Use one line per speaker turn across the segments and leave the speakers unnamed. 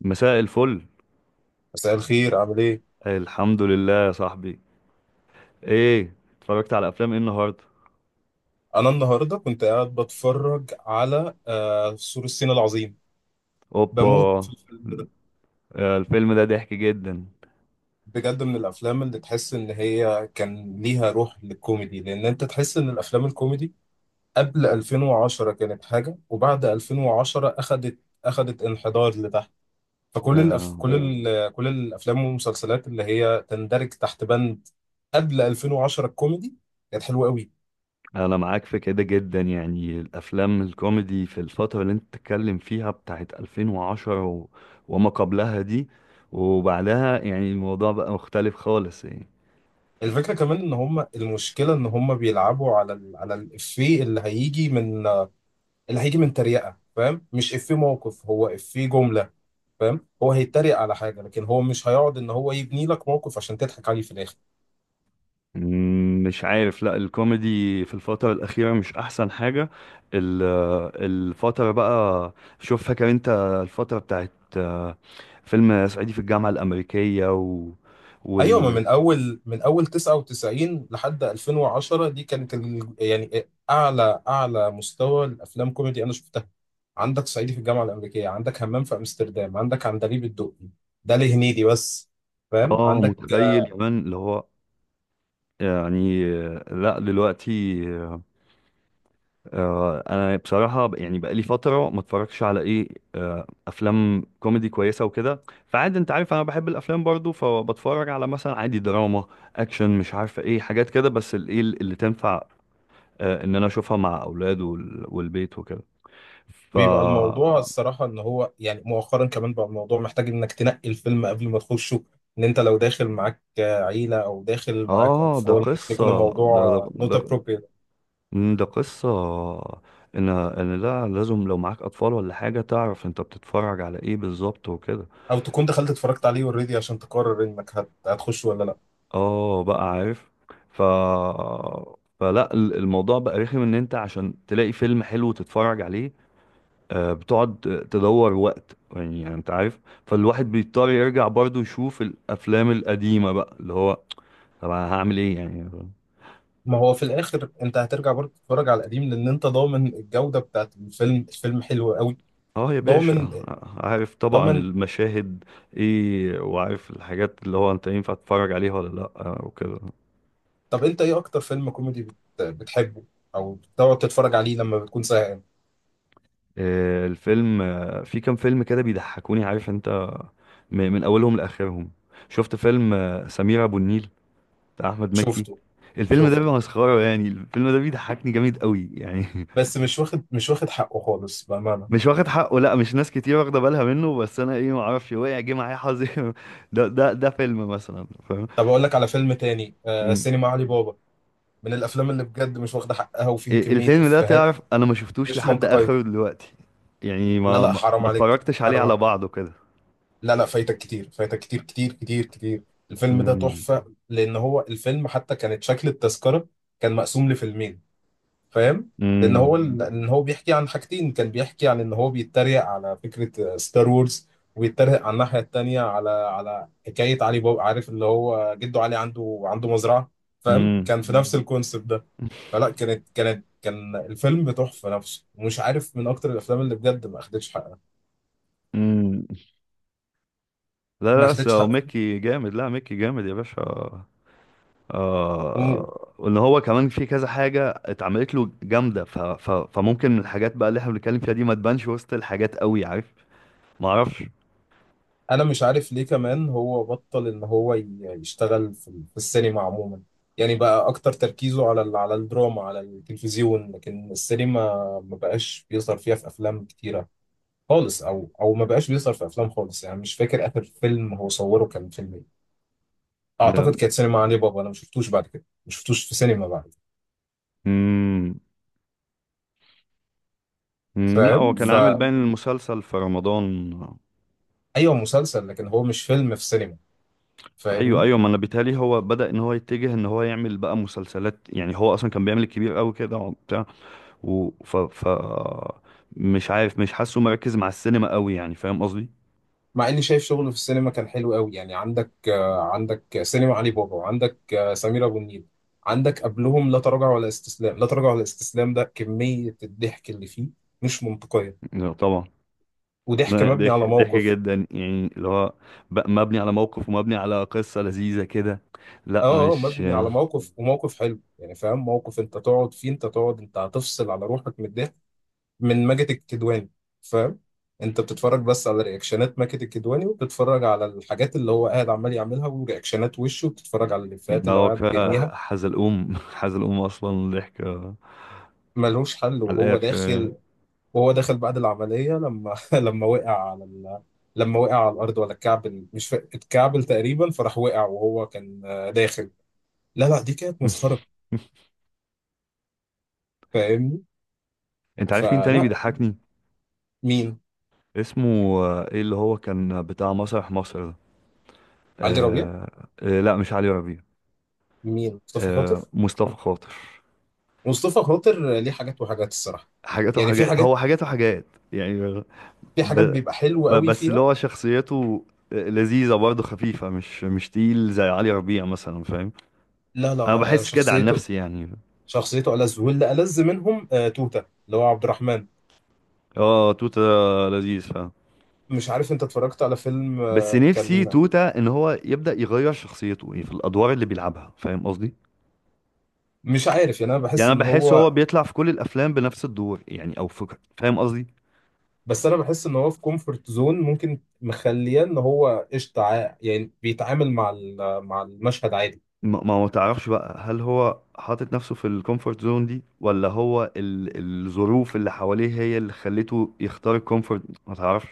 مساء الفل.
مساء الخير عامل ايه؟
الحمد لله يا صاحبي. ايه اتفرجت على افلام ايه النهارده؟
أنا النهاردة كنت قاعد بتفرج على سور الصين العظيم.
اوبا.
بموت في الفيلم ده.
الفيلم ده ضحك جدا.
بجد، من الأفلام اللي تحس إن هي كان ليها روح للكوميدي، لأن أنت تحس إن الأفلام الكوميدي قبل 2010 كانت حاجة، وبعد 2010 أخدت انحدار لتحت. فكل الأف... مم.
آه،
كل ال... كل الأفلام والمسلسلات اللي هي تندرج تحت بند قبل 2010 الكوميدي كانت حلوة قوي.
انا معاك في كده جدا، يعني الافلام الكوميدي في الفتره اللي انت بتتكلم فيها بتاعت 2010 وما قبلها دي وبعدها، يعني الموضوع بقى مختلف خالص يعني.
الفكرة كمان ان هم، المشكلة ان هم بيلعبوا على على الافيه اللي هيجي من تريقة. فاهم؟ مش افيه موقف، هو افيه جملة. فاهم؟ هو هيتريق على حاجة، لكن هو مش هيقعد ان هو يبني لك موقف عشان تضحك عليه في الاخر.
مش عارف، لا الكوميدي في الفترة الأخيرة مش أحسن حاجة. ال- الفترة بقى، شوف فاكر أنت الفترة بتاعت آه، فيلم صعيدي في الجامعة الأمريكية و...
ايوه، ما
وال
من اول 99 لحد 2010 دي كانت يعني اعلى مستوى الافلام كوميدي انا شفتها. عندك صعيدي في الجامعة الامريكية، عندك همام في امستردام، عندك عندليب الدقي. ده لهنيدي بس. فاهم؟
آه
عندك.
متخيل كمان اللي هو يعني. لا دلوقتي انا بصراحه يعني بقالي فتره ما اتفرجش على ايه، افلام كوميدي كويسه وكده، فعادي انت عارف انا بحب الافلام برضو، فبتفرج على مثلا عادي دراما، اكشن، مش عارفه ايه حاجات كده، بس الايه اللي تنفع ان انا اشوفها مع اولاد والبيت وكده. ف
بيبقى الموضوع الصراحة إن هو يعني مؤخرا كمان بقى الموضوع محتاج إنك تنقي الفيلم قبل ما تخشه. إن أنت لو داخل معاك عيلة أو داخل معاك
اه ده
أطفال ممكن
قصه،
يكون الموضوع not
ده,
appropriate.
ده قصه ان لا لازم لو معاك اطفال ولا حاجه تعرف انت بتتفرج على ايه بالظبط وكده.
أو تكون دخلت اتفرجت عليه already عشان تقرر إنك هتخش ولا لأ.
اه بقى عارف. ف الموضوع بقى رخم ان انت عشان تلاقي فيلم حلو تتفرج عليه، بتقعد تدور وقت، يعني انت عارف. فالواحد بيضطر يرجع برضه يشوف الافلام القديمة بقى اللي هو، طب أنا هعمل ايه يعني؟
ما هو في الآخر أنت هترجع برضه تتفرج على القديم، لأن أنت ضامن الجودة بتاعت الفيلم، الفيلم حلو قوي.
اه يا
ضامن.
باشا، عارف طبعا
ضامن.
المشاهد ايه، وعارف الحاجات اللي هو انت ينفع تتفرج عليها ولا لا، وكده.
طب أنت إيه أكتر فيلم كوميدي بتحبه أو بتقعد تتفرج عليه لما بتكون زهقان؟
الفيلم في كام فيلم كده بيضحكوني، عارف انت، من اولهم لاخرهم. شفت فيلم سمير ابو النيل بتاع احمد مكي؟
شفته.
الفيلم ده بيبقى
شفته.
مسخره، يعني الفيلم ده بيضحكني جامد قوي يعني.
بس مش واخد حقه خالص بأمانة.
مش واخد حقه، لا مش ناس كتير واخده بالها منه، بس انا ايه، ما اعرفش وقع جه معايا حظي. ده فيلم مثلا فاهم.
طب أقول لك على فيلم تاني،
مم.
سينما علي بابا، من الأفلام اللي بجد مش واخدة حقها وفيها كمية
الفيلم ده تعرف
إفيهات
انا ما شفتوش
مش
لحد
منطقية.
اخره دلوقتي، يعني
لا،
ما
لا،
ما
حرام
ما
عليك.
اتفرجتش عليه
حرام
على
عليك.
بعضه كده.
لا، لا، فايتك كتير كتير كتير كتير. الفيلم ده
مم.
تحفة. لأن هو الفيلم حتى كانت شكل التذكرة كان مقسوم لفيلمين. فاهم؟ لان
مم.
هو لان هو بيحكي عن حاجتين. كان بيحكي عن ان هو بيتريق على فكره ستار وورز، ويتريق على الناحيه التانيه على حكايه علي بابا. عارف اللي هو جده علي عنده مزرعه. فاهم؟
مم.
كان في نفس الكونسيبت ده. فلا، كان الفيلم تحفه نفسه، ومش عارف، من اكتر الافلام اللي بجد ما اخدتش حقها.
مم. لا
ما
لا بس
اخدتش
هو ميكي جامد، لا ميكي جامد يا باشا.
حقها.
آه، وان هو كمان في كذا حاجه اتعملت له جامده، ف... ف... فممكن الحاجات بقى اللي احنا بنتكلم فيها دي ما تبانش وسط الحاجات قوي، عارف. ما اعرفش.
انا مش عارف ليه كمان هو بطل ان هو يشتغل في في السينما عموما. يعني بقى اكتر تركيزه على على الدراما، على التلفزيون، لكن السينما ما بقاش بيظهر فيها في افلام كتيره خالص. او ما بقاش بيظهر في افلام خالص. يعني مش فاكر اخر فيلم هو صوره كان فيلم ايه. اعتقد كانت سينما علي بابا. انا ما شفتوش بعد كده، ما شفتوش في سينما بعد كده.
أمم، أمم، لا
فاهم؟
هو كان عامل
مم.
باين المسلسل في رمضان.
فايوه، مسلسل، لكن هو مش فيلم في سينما.
ايوه
فاهمني؟
ايوه ما انا بيتهيألي هو بدأ ان هو يتجه ان هو يعمل بقى مسلسلات، يعني هو اصلا كان بيعمل الكبير قوي كده وبتاع و... ف... ف... مش عارف، مش حاسه مركز مع السينما قوي، يعني فاهم قصدي؟
مع اني شايف شغله في السينما كان حلو قوي يعني. عندك سينما علي بابا، وعندك سمير ابو النيل. عندك قبلهم لا تراجع ولا استسلام. لا تراجع ولا استسلام، ده كمية الضحك اللي فيه مش منطقية،
لا، طبعا.
وضحك
لا،
مبني على
ضحك ضحك
موقف.
جدا يعني اللي هو، مبني على موقف ومبني على قصة لذيذة كده. لا
اه، اه،
مش،
مبني على موقف، وموقف حلو يعني. فاهم؟ موقف انت تقعد فيه. انت هتفصل على روحك من الضحك من ماجد الكدواني. فاهم؟ انت بتتفرج بس على رياكشنات ماجد الكدواني، وبتتفرج على الحاجات اللي هو قاعد عمال يعملها ورياكشنات وشه، وبتتفرج على الافيهات
لا
اللي هو
هو
قاعد
كفاية
بيرميها.
حزلقوم. حزلقوم أصلا ضحك
ملوش حل.
على
وهو
الآخر يعني.
داخل، وهو داخل بعد العملية، لما لما وقع على الأرض، ولا اتكعبل. مش فا... اتكعبل تقريبا، فراح وقع وهو كان داخل. لا، لا، دي كانت مسخرة. فاهمني؟
أنت عارف مين تاني
فلا.
بيضحكني؟
مين؟
اسمه إيه اللي هو كان بتاع مسرح مصر ده؟
علي ربيع.
آه. آه لا مش علي ربيع.
مين؟ مصطفى
آه
خاطر.
مصطفى خاطر.
مصطفى خاطر ليه حاجات وحاجات الصراحة.
حاجات
يعني في
وحاجات، هو
حاجات،
حاجات وحاجات يعني. ب...
بيبقى حلو قوي
بس اللي
فيها.
هو شخصيته لذيذة برضه، خفيفة، مش مش تقيل زي علي ربيع مثلا، فاهم؟
لا، لا،
انا بحس كده عن
شخصيته.
نفسي يعني.
شخصيته ألذ، واللي ألذ منهم توتة اللي هو عبد الرحمن.
اه توتة لذيذ، فاهم.
مش عارف انت اتفرجت على فيلم
بس نفسي
كان.
توتة ان هو يبدأ يغير شخصيته، يعني في الادوار اللي بيلعبها، فاهم قصدي؟
مش عارف، يعني انا
يعني
بحس
انا
ان
بحس هو
هو.
بيطلع في كل الافلام بنفس الدور يعني، او فكرة، فاهم قصدي؟
بس انا بحس ان هو في كومفورت زون ممكن مخليه ان هو قشطه، يعني بيتعامل مع مع المشهد عادي.
ما هو تعرفش بقى، هل هو حاطط نفسه في الكومفورت زون دي، ولا هو الظروف اللي حواليه هي اللي خلته يختار الكومفورت، ما تعرفش.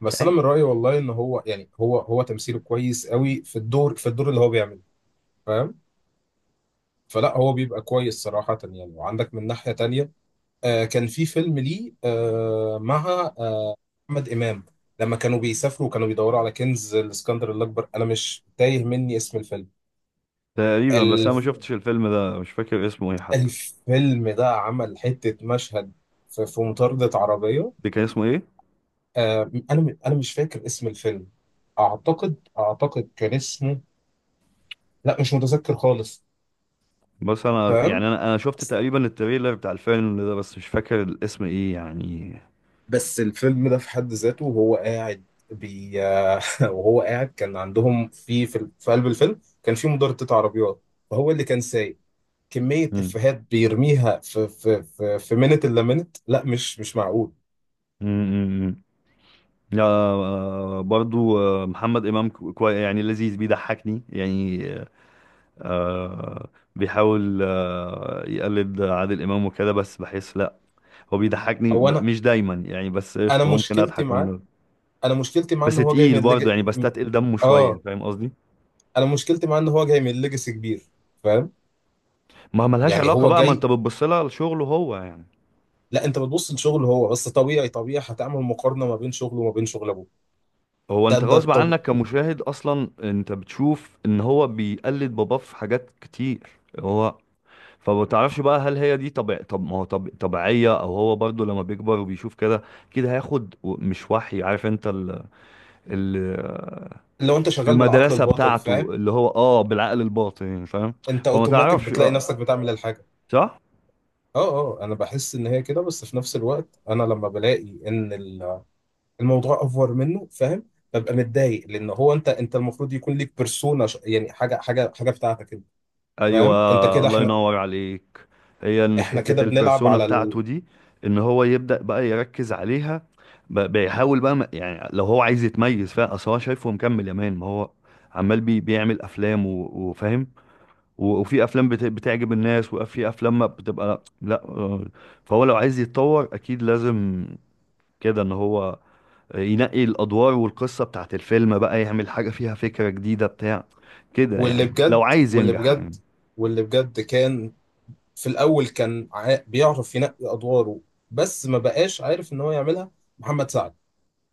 بس انا من رايي والله ان هو، يعني هو تمثيله كويس قوي في الدور اللي هو بيعمله. فاهم؟ فلا هو بيبقى كويس صراحه يعني، وعندك من ناحيه تانية كان في فيلم ليه، مع احمد امام، لما كانوا بيسافروا وكانوا بيدوروا على كنز الاسكندر الاكبر. انا مش تايه مني اسم
تقريبا، بس انا ما
الفيلم.
شفتش الفيلم ده، مش فاكر اسمه ايه حتى.
الفيلم ده عمل حتة مشهد في مطاردة عربية.
ده كان اسمه ايه؟
أنا مش فاكر اسم الفيلم. أعتقد كان اسمه، لا مش متذكر خالص.
بس انا يعني
فاهم؟
انا شفت تقريبا التريلر بتاع الفيلم ده، بس مش فاكر الاسم ايه يعني.
بس الفيلم ده في حد ذاته، وهو قاعد بي وهو قاعد كان عندهم في قلب الفيلم، كان في مضاربة عربيات، فهو اللي كان سايق. كمية
امم،
إفيهات بيرميها في منت إلا منت، لا، مش معقول.
امم، لا برضو محمد امام كوي يعني، لذيذ بيضحكني يعني. آه بيحاول آه يقلد عادل امام وكده، بس بحس لا، هو بيضحكني
أنا.
مش دايما يعني، بس
أنا
قشطه ممكن
مشكلتي
اضحك
معاه.
منه.
انا مشكلتي معاه
بس
ان هو جاي
تقيل
من
برضه
ليج...
يعني، بستتقل دمه شويه،
اه
فاهم قصدي؟
انا مشكلتي معاه ان هو جاي من ليجاسي كبير. فاهم؟
ما ملهاش
يعني
علاقة
هو
بقى، ما انت
جاي
بتبص لها لشغله هو يعني.
لا، انت بتبص لشغله هو بس. طبيعي هتعمل مقارنه ما بين شغله وما بين شغل ابوه.
هو
ده
انت
ده
غصب
طب
عنك كمشاهد اصلا انت بتشوف ان هو بيقلد باباه في حاجات كتير. هو، فما تعرفش بقى، هل هي دي طبيع، طب ما هو طب طبيعية، او هو برضو لما بيكبر وبيشوف كده كده هياخد مش وحي، عارف انت ال...
لو انت شغال بالعقل
المدرسة
الباطن.
بتاعته
فاهم؟
اللي هو اه بالعقل الباطن يعني، فاهم؟
انت
فما
اوتوماتيك
تعرفش
بتلاقي
بقى،
نفسك بتعمل الحاجه.
صح؟
اه، اه، انا بحس ان هي كده، بس في نفس الوقت انا لما بلاقي ان الموضوع افور منه. فاهم؟ ببقى متضايق، لان هو انت المفروض يكون ليك بيرسونا، يعني حاجه بتاعتك انت.
ايوه
فاهم؟ انت كده
الله
احنا،
ينور عليك. هي ان حته
كده بنلعب
البرسونا
على
بتاعته دي ان هو يبدا بقى يركز عليها، بيحاول بقى يعني لو هو عايز يتميز فيها، اصل هو شايفه مكمل يا مان، ما هو عمال بيعمل افلام وفاهم، وفي افلام بتعجب الناس، وفي افلام ما بتبقى لا، فهو لو عايز يتطور اكيد لازم كده ان هو ينقي الادوار والقصه بتاعت الفيلم بقى، يعمل حاجه فيها فكره جديده بتاع كده
واللي
يعني، لو
بجد
عايز
واللي
ينجح
بجد
يعني.
واللي بجد كان في الاول كان بيعرف ينقي ادواره، بس ما بقاش عارف ان هو يعملها. محمد سعد.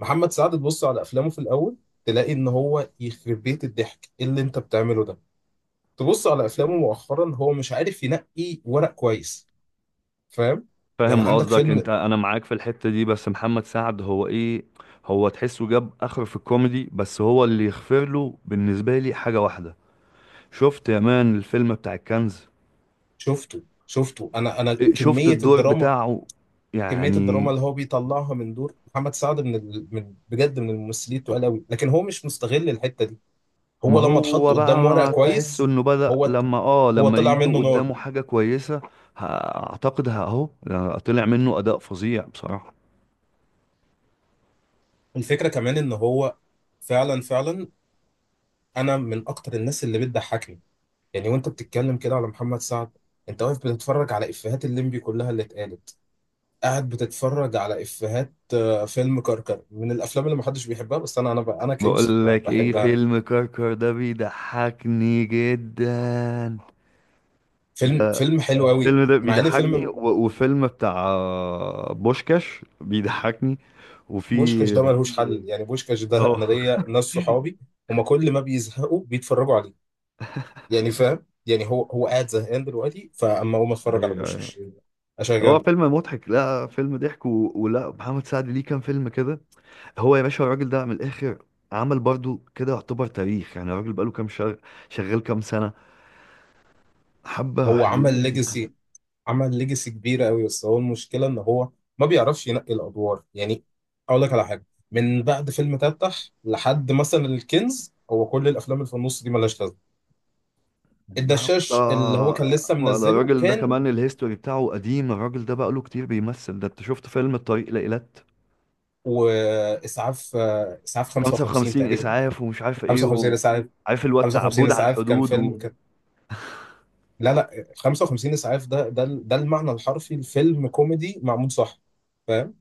محمد سعد، تبص على افلامه في الاول تلاقي ان هو يخرب بيت الضحك. إيه اللي انت بتعمله ده؟ تبص على افلامه مؤخرا، هو مش عارف ينقي ورق كويس. فاهم؟ يعني
فاهم
عندك
قصدك
فيلم.
انت، انا معاك في الحتة دي، بس محمد سعد هو ايه، هو تحسه جاب اخر في الكوميدي، بس هو اللي يغفر له بالنسبة لي حاجة واحدة. شفت يا مان الفيلم بتاع الكنز؟
شفته. شفته. انا انا
إيه، شفت
كمية
الدور
الدراما
بتاعه
كميه الدراما
يعني.
اللي هو بيطلعها من دور محمد سعد، من بجد من الممثلين التقال قوي، لكن هو مش مستغل الحته دي.
ما
هو لما اتحط
هو
قدام ورقه،
بقى
هو
تحسه
كويس.
انه بدأ
هو
لما اه
هو
لما
طلع
يجي
منه نار.
قدامه حاجة كويسة، ه- اهو طلع منه اداء فظيع بصراحة.
الفكره كمان ان هو. فعلا، فعلا، انا من اكتر الناس اللي بتضحكني. يعني وانت بتتكلم كده على محمد سعد، انت واقف بتتفرج على افيهات الليمبي كلها اللي اتقالت، قاعد بتتفرج على افيهات فيلم كركر، من الافلام اللي محدش بيحبها، بس انا كيوسف
بقول لك ايه،
بحبها.
فيلم كركر ده بيضحكني جدا.
فيلم حلو قوي،
الفيلم ده
مع ان
بيضحكني
فيلم
وفيلم بتاع بوشكاش بيضحكني. وفي
بوشكاش ده ملهوش حل يعني. بوشكاش ده انا
اه
ليا ناس صحابي، هما كل ما بيزهقوا بيتفرجوا عليه. يعني فاهم يعني؟ هو قاعد زهقان دلوقتي، فاما اقوم اتفرج على
ايوه،
بوشكاش،
هو
اشغله.
فيلم مضحك، لا فيلم ضحك ولا محمد سعد ليه كام فيلم كده، هو يا باشا الراجل ده من الاخر، عمل برضو كده يعتبر تاريخ يعني. الراجل بقاله كام شغال كام سنة، حبة
هو عمل
حلوين
ليجاسي عمل ليجاسي كبيره قوي، بس هو المشكله ان هو ما بيعرفش ينقي الادوار يعني. اقول لك على حاجه، من بعد فيلم تفتح لحد مثلا الكنز، هو كل الافلام اللي في النص دي ملهاش لازمه.
يعني
الدشاش
حبة.
اللي هو كان لسه منزله
الراجل ده
كان،
كمان الهيستوري بتاعه قديم، الراجل ده بقاله كتير بيمثل. ده انت شفت فيلم الطريق لإيلات،
واسعاف آه، اسعاف 55
55
تقريبا.
اسعاف، ومش عارف ايه
55 اسعاف.
عارف اللي هو
55
التعبود على
اسعاف كان
الحدود
فيلم كان. لا، لا، 55 اسعاف ده، ده المعنى الحرفي لفيلم كوميدي معمول صح. فاهم؟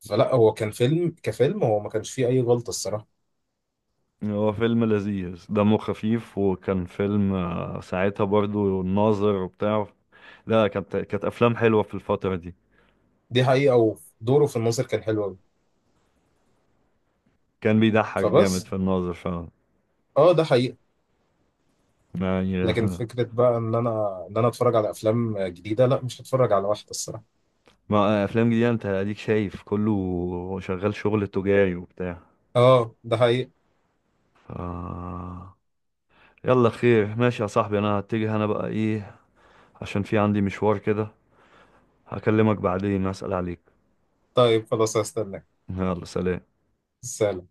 فلا هو كان فيلم كفيلم هو ما كانش فيه اي غلطه الصراحه.
هو فيلم لذيذ دمه خفيف، وكان فيلم ساعتها برضو الناظر وبتاع. لا كانت افلام حلوه في الفتره دي.
دي حقيقه، ودوره في الناظر كان حلو قوي.
كان بيضحك جامد
فبس.
في الناظر فعلا
اه ده حقيقه.
يعني.
لكن فكره بقى ان انا اتفرج على افلام جديده، لا مش هتفرج على واحده الصراحه.
ما افلام جديده انت اديك شايف كله شغال شغل تجاري وبتاع.
اه ده حقيقه.
ف... يلا خير، ماشي يا صاحبي، انا هتجه انا بقى ايه، عشان في عندي مشوار كده. هكلمك بعدين، اسال عليك.
طيب، خلاص، هستناك.
يلا سلام.
سلام.